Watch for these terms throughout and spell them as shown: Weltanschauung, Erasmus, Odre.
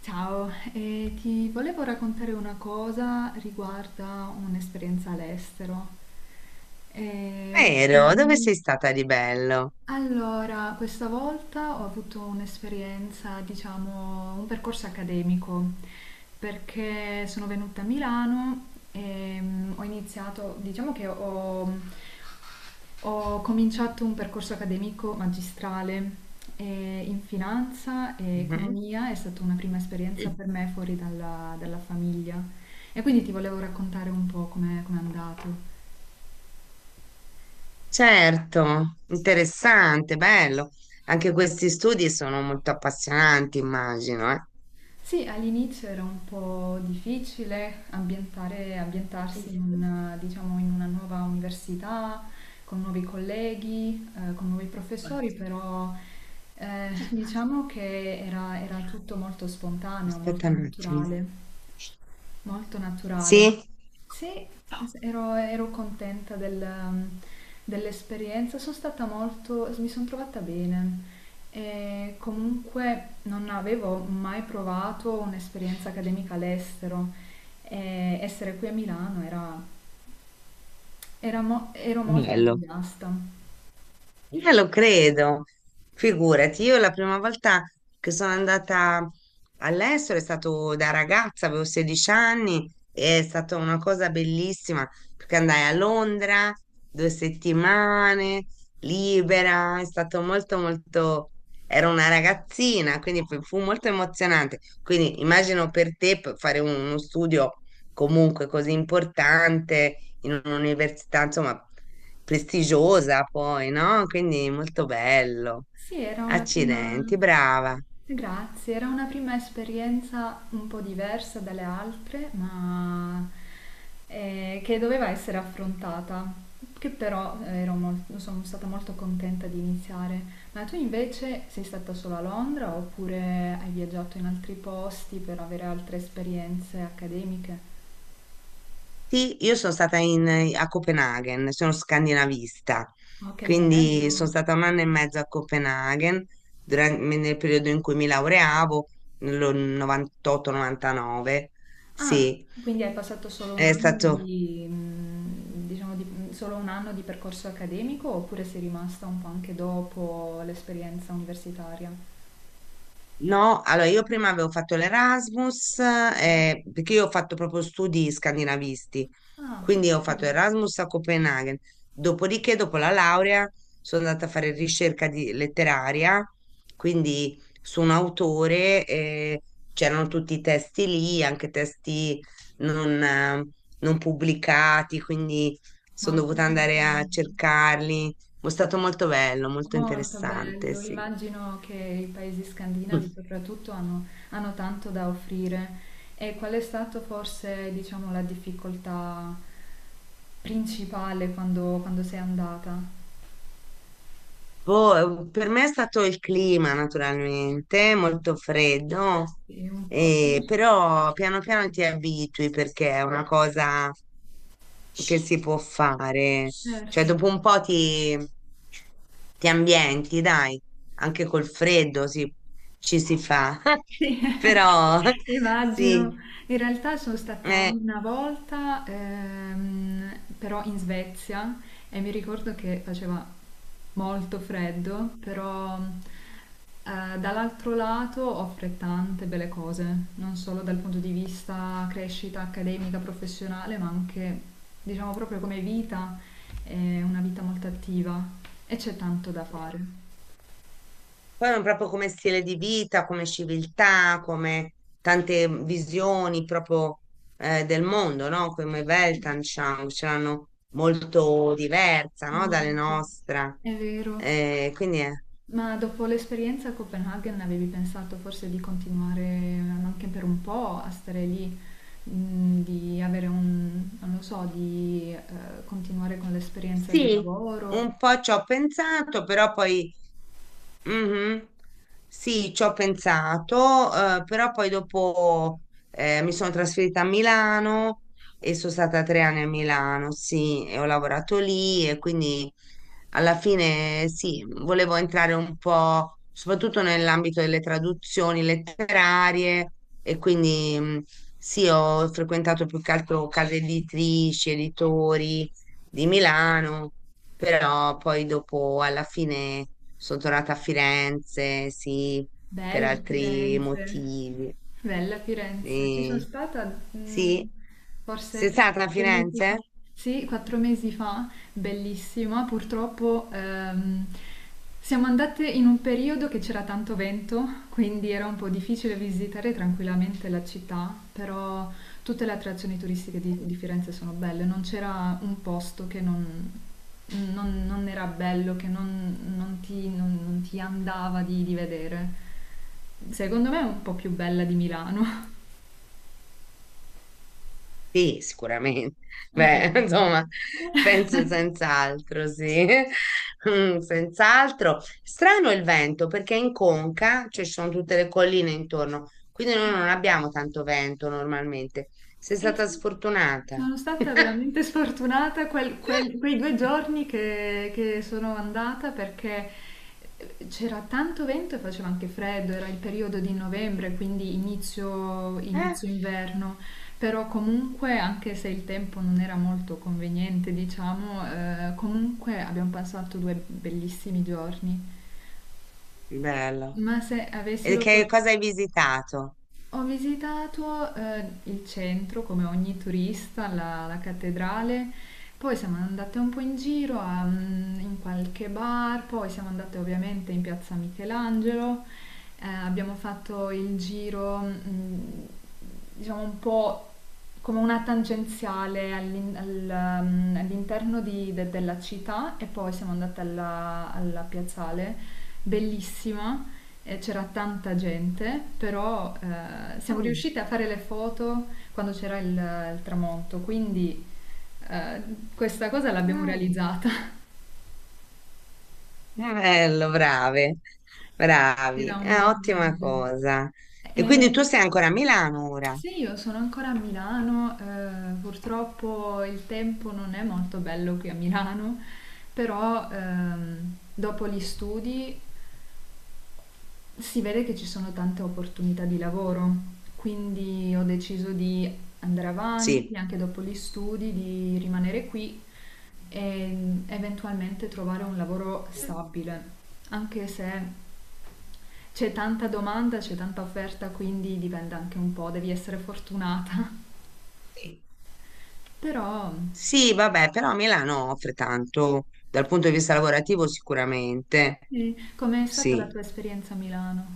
Ciao, ti volevo raccontare una cosa riguarda un'esperienza all'estero. Eh, Vero, dove sei ultimamente... stata di bello? Allora, questa volta ho avuto un'esperienza, diciamo, un percorso accademico, perché sono venuta a Milano e ho iniziato, ho cominciato un percorso accademico magistrale in finanza e Mhm. economia, è stata una prima esperienza per me fuori dalla famiglia. E quindi ti volevo raccontare un po' com'è andato. Certo, interessante, bello. Anche questi studi sono molto appassionanti, immagino, eh. Sì, all'inizio era un po' difficile ambientarsi in una, diciamo, in una nuova università, con nuovi colleghi, con nuovi professori, però diciamo che era tutto molto spontaneo, Aspetta molto un attimo. naturale. Molto naturale. Sì? Sì, ero contenta del, dell'esperienza, sono stata molto, mi sono trovata bene e comunque non avevo mai provato un'esperienza accademica all'estero e essere qui a Milano era, ero molto Bello. entusiasta. Lo credo, figurati, io la prima volta che sono andata all'estero è stato da ragazza, avevo 16 anni, e è stata una cosa bellissima perché andai a Londra 2 settimane, libera, è stato molto molto, ero una ragazzina, quindi fu molto emozionante. Quindi immagino per te fare uno studio comunque così importante in un'università, insomma prestigiosa poi, no? Quindi molto bello. Sì, era una prima... Accidenti, brava. Grazie, era una prima esperienza un po' diversa dalle altre, ma che doveva essere affrontata, che però sono stata molto contenta di iniziare. Ma tu invece sei stata solo a Londra oppure hai viaggiato in altri posti per avere altre esperienze accademiche? Sì, io sono stata a Copenaghen, sono scandinavista, Oh, che quindi sono bello! stata 1 anno e mezzo a Copenaghen nel periodo in cui mi laureavo, nel 98-99. Ah, Sì, quindi hai passato solo un è anno stato di, solo un anno di percorso accademico oppure sei rimasta un po' anche dopo l'esperienza universitaria? no, allora io prima avevo fatto l'Erasmus, Mm. Perché io ho fatto proprio studi scandinavisti, Ah, che quindi ho fatto bello, Erasmus a Copenaghen. Dopodiché, dopo la laurea, sono andata a fare letteraria, quindi su un autore, c'erano tutti i testi lì, anche testi non, eh, non pubblicati, quindi sono molto dovuta interessante, andare a cercarli. È stato molto bello, molto molto interessante, bello. sì. Immagino che i paesi scandinavi soprattutto hanno, hanno tanto da offrire. E qual è stato forse, diciamo, la difficoltà principale quando, quando sei andata? Boh, per me è stato il clima, naturalmente, molto freddo, Sì, un po'. Però piano piano ti abitui perché è una cosa che si può fare. Cioè, Certo, dopo un po' ti ambienti, dai, anche col freddo ci si fa. sì, Però immagino. sì, In realtà sono stata eh. una volta, però in Svezia e mi ricordo che faceva molto freddo, però dall'altro lato offre tante belle cose, non solo dal punto di vista crescita accademica, professionale, ma anche, diciamo, proprio come vita, è una vita molto attiva e c'è tanto da fare. Poi ma proprio come stile di vita, come civiltà, come tante visioni proprio del mondo, no? Come Weltanschauung, ce l'hanno molto diversa, no? Dalle Molto. nostre. È vero. Quindi Ma dopo l'esperienza a Copenaghen avevi pensato forse di continuare anche per un po' a stare lì, di avere un, non lo so, di continuare con l'esperienza di sì, lavoro? un po' ci ho pensato, però poi Mhm. Sì, ci ho pensato, però poi dopo mi sono trasferita a Milano e sono stata 3 anni a Milano, sì, e ho lavorato lì e quindi alla fine sì, volevo entrare un po' soprattutto nell'ambito delle traduzioni letterarie e quindi sì, ho frequentato più che altro case editrici, editori di Milano però poi dopo, alla fine, sono tornata a Firenze, sì, per Bella altri Firenze, motivi. bella Firenze. Ci sono Sì, stata sì. forse Sei stata a quattro mesi fa. Firenze? Sì, 4 mesi fa, bellissima. Purtroppo siamo andate in un periodo che c'era tanto vento, quindi era un po' difficile visitare tranquillamente la città, però tutte le attrazioni turistiche di Firenze sono belle, non c'era un posto che non, non era bello, che non, non ti andava di vedere. Secondo me è un po' più bella di Milano. Sì, sicuramente. Un po' Beh, più belle. insomma, penso senz'altro, sì. Mm, senz'altro. Strano il vento perché in Conca, cioè ci sono tutte le colline intorno, quindi noi Mm. non abbiamo tanto vento normalmente. Sei Eh stata sì, sfortunata. sono stata veramente sfortunata quei due giorni che sono andata perché c'era tanto vento e faceva anche freddo, era il periodo di novembre, quindi Eh, inizio inverno, però comunque anche se il tempo non era molto conveniente, diciamo, comunque abbiamo passato 2 bellissimi giorni. bello. Ma se avessi E che l'opportunità... cosa hai visitato? Ho visitato il centro come ogni turista, la cattedrale, poi siamo andate un po' in giro a, in qualche bar, poi siamo andate ovviamente in piazza Michelangelo, abbiamo fatto il giro, diciamo un po' come una tangenziale all'interno della città e poi siamo andate alla piazzale, bellissima, e c'era tanta gente, però siamo Mm, riuscite a fare le foto quando c'era il tramonto, quindi eh, questa cosa l'abbiamo mm, realizzata. bello, brave, bravi, Era un è bel ottima viaggio. cosa. E quindi Eh, tu sei ancora a Milano ora? sì, io sono ancora a Milano, purtroppo il tempo non è molto bello qui a Milano, però dopo gli studi si vede che ci sono tante opportunità di lavoro, quindi ho deciso di andare avanti Sì. anche dopo gli studi, di rimanere qui e eventualmente trovare un lavoro Mm, stabile, anche se c'è tanta domanda, c'è tanta offerta, quindi dipende anche un po', devi essere fortunata. sì, Però, sì, vabbè, però Milano offre tanto dal punto di vista lavorativo sicuramente. sì, com'è stata la tua Sì. esperienza a Milano?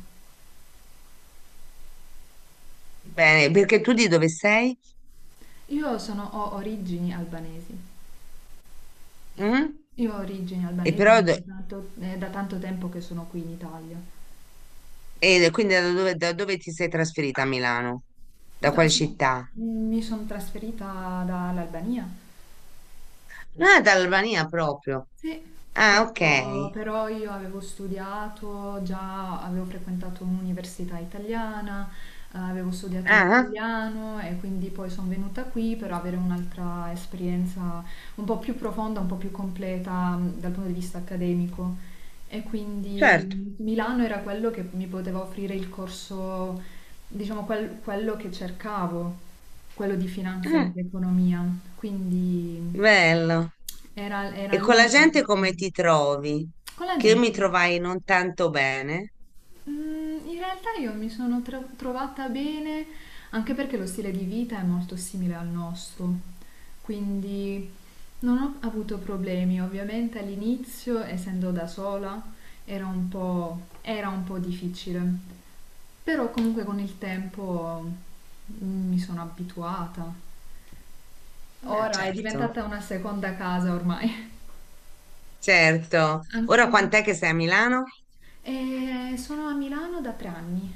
Bene, perché tu di dove sei? Ho origini albanesi. Mm? Io ho origini E albanesi, però, quindi è da tanto tempo che sono qui in Italia. e quindi da dove ti sei trasferita a Milano? Da Da- quale so- città? mi sono trasferita dall'Albania. Ah, dall'Albania proprio. Sì, Ah, ok. però io avevo studiato, già avevo frequentato un'università italiana, avevo studiato Ah, l'italiano e quindi poi sono venuta qui per avere un'altra esperienza un po' più profonda, un po' più completa dal punto di vista accademico. E certo. quindi Milano era quello che mi poteva offrire il corso, diciamo, quello che cercavo, quello di finanza Ah, ed economia. Quindi bello. E era con la l'unica gente come opportunità. ti trovi? Con la Che io mi gente? trovai non tanto bene. Mm, in realtà io mi sono trovata bene, anche perché lo stile di vita è molto simile al nostro, quindi non ho avuto problemi. Ovviamente all'inizio, essendo da sola, era un po' difficile, però comunque con il tempo mi sono abituata. Ah, Ora è certo, diventata una seconda casa ormai. certo. Ora Anche... quant'è che sei a Milano? E sono a Milano da 3 anni.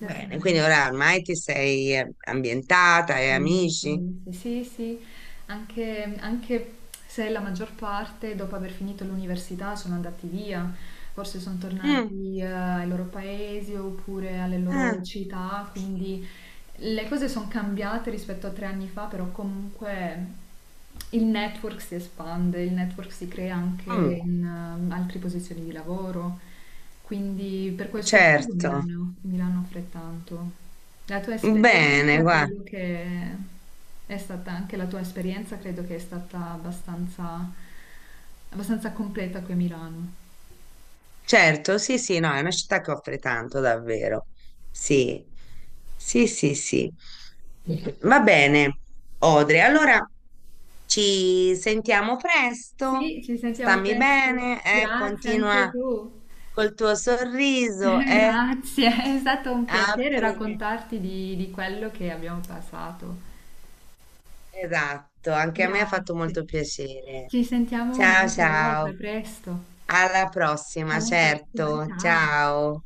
Da tre quindi anni. ora ormai ti sei ambientata, hai Sì, amici. sì, sì. Sì, sì, anche se la maggior parte dopo aver finito l'università sono andati via, forse sono Mm. tornati ai loro paesi oppure alle loro Ah, città, quindi le cose sono cambiate rispetto a 3 anni fa, però comunque il network si espande, il network si crea anche mm, in altre posizioni di lavoro, quindi per questo motivo certo. Mi l'hanno offre tanto. La tua Bene, esperienza guarda. credo che è stata anche la tua esperienza credo che è stata abbastanza, abbastanza completa qui a Milano. Certo, sì, sì, no, è una città che offre tanto, davvero. Sì, sì, sì, sì. Va bene, Odre, allora ci sentiamo presto, Sì, ci sentiamo stammi presto. bene, Grazie continua anche tu. col tuo sorriso, Grazie, è stato un piacere apri. raccontarti di quello che abbiamo passato. Esatto, anche a me ha fatto Grazie. molto piacere. Ci sentiamo Ciao, un'altra volta, ciao, presto. alla prossima, Alla prossima, certo, ciao. ciao.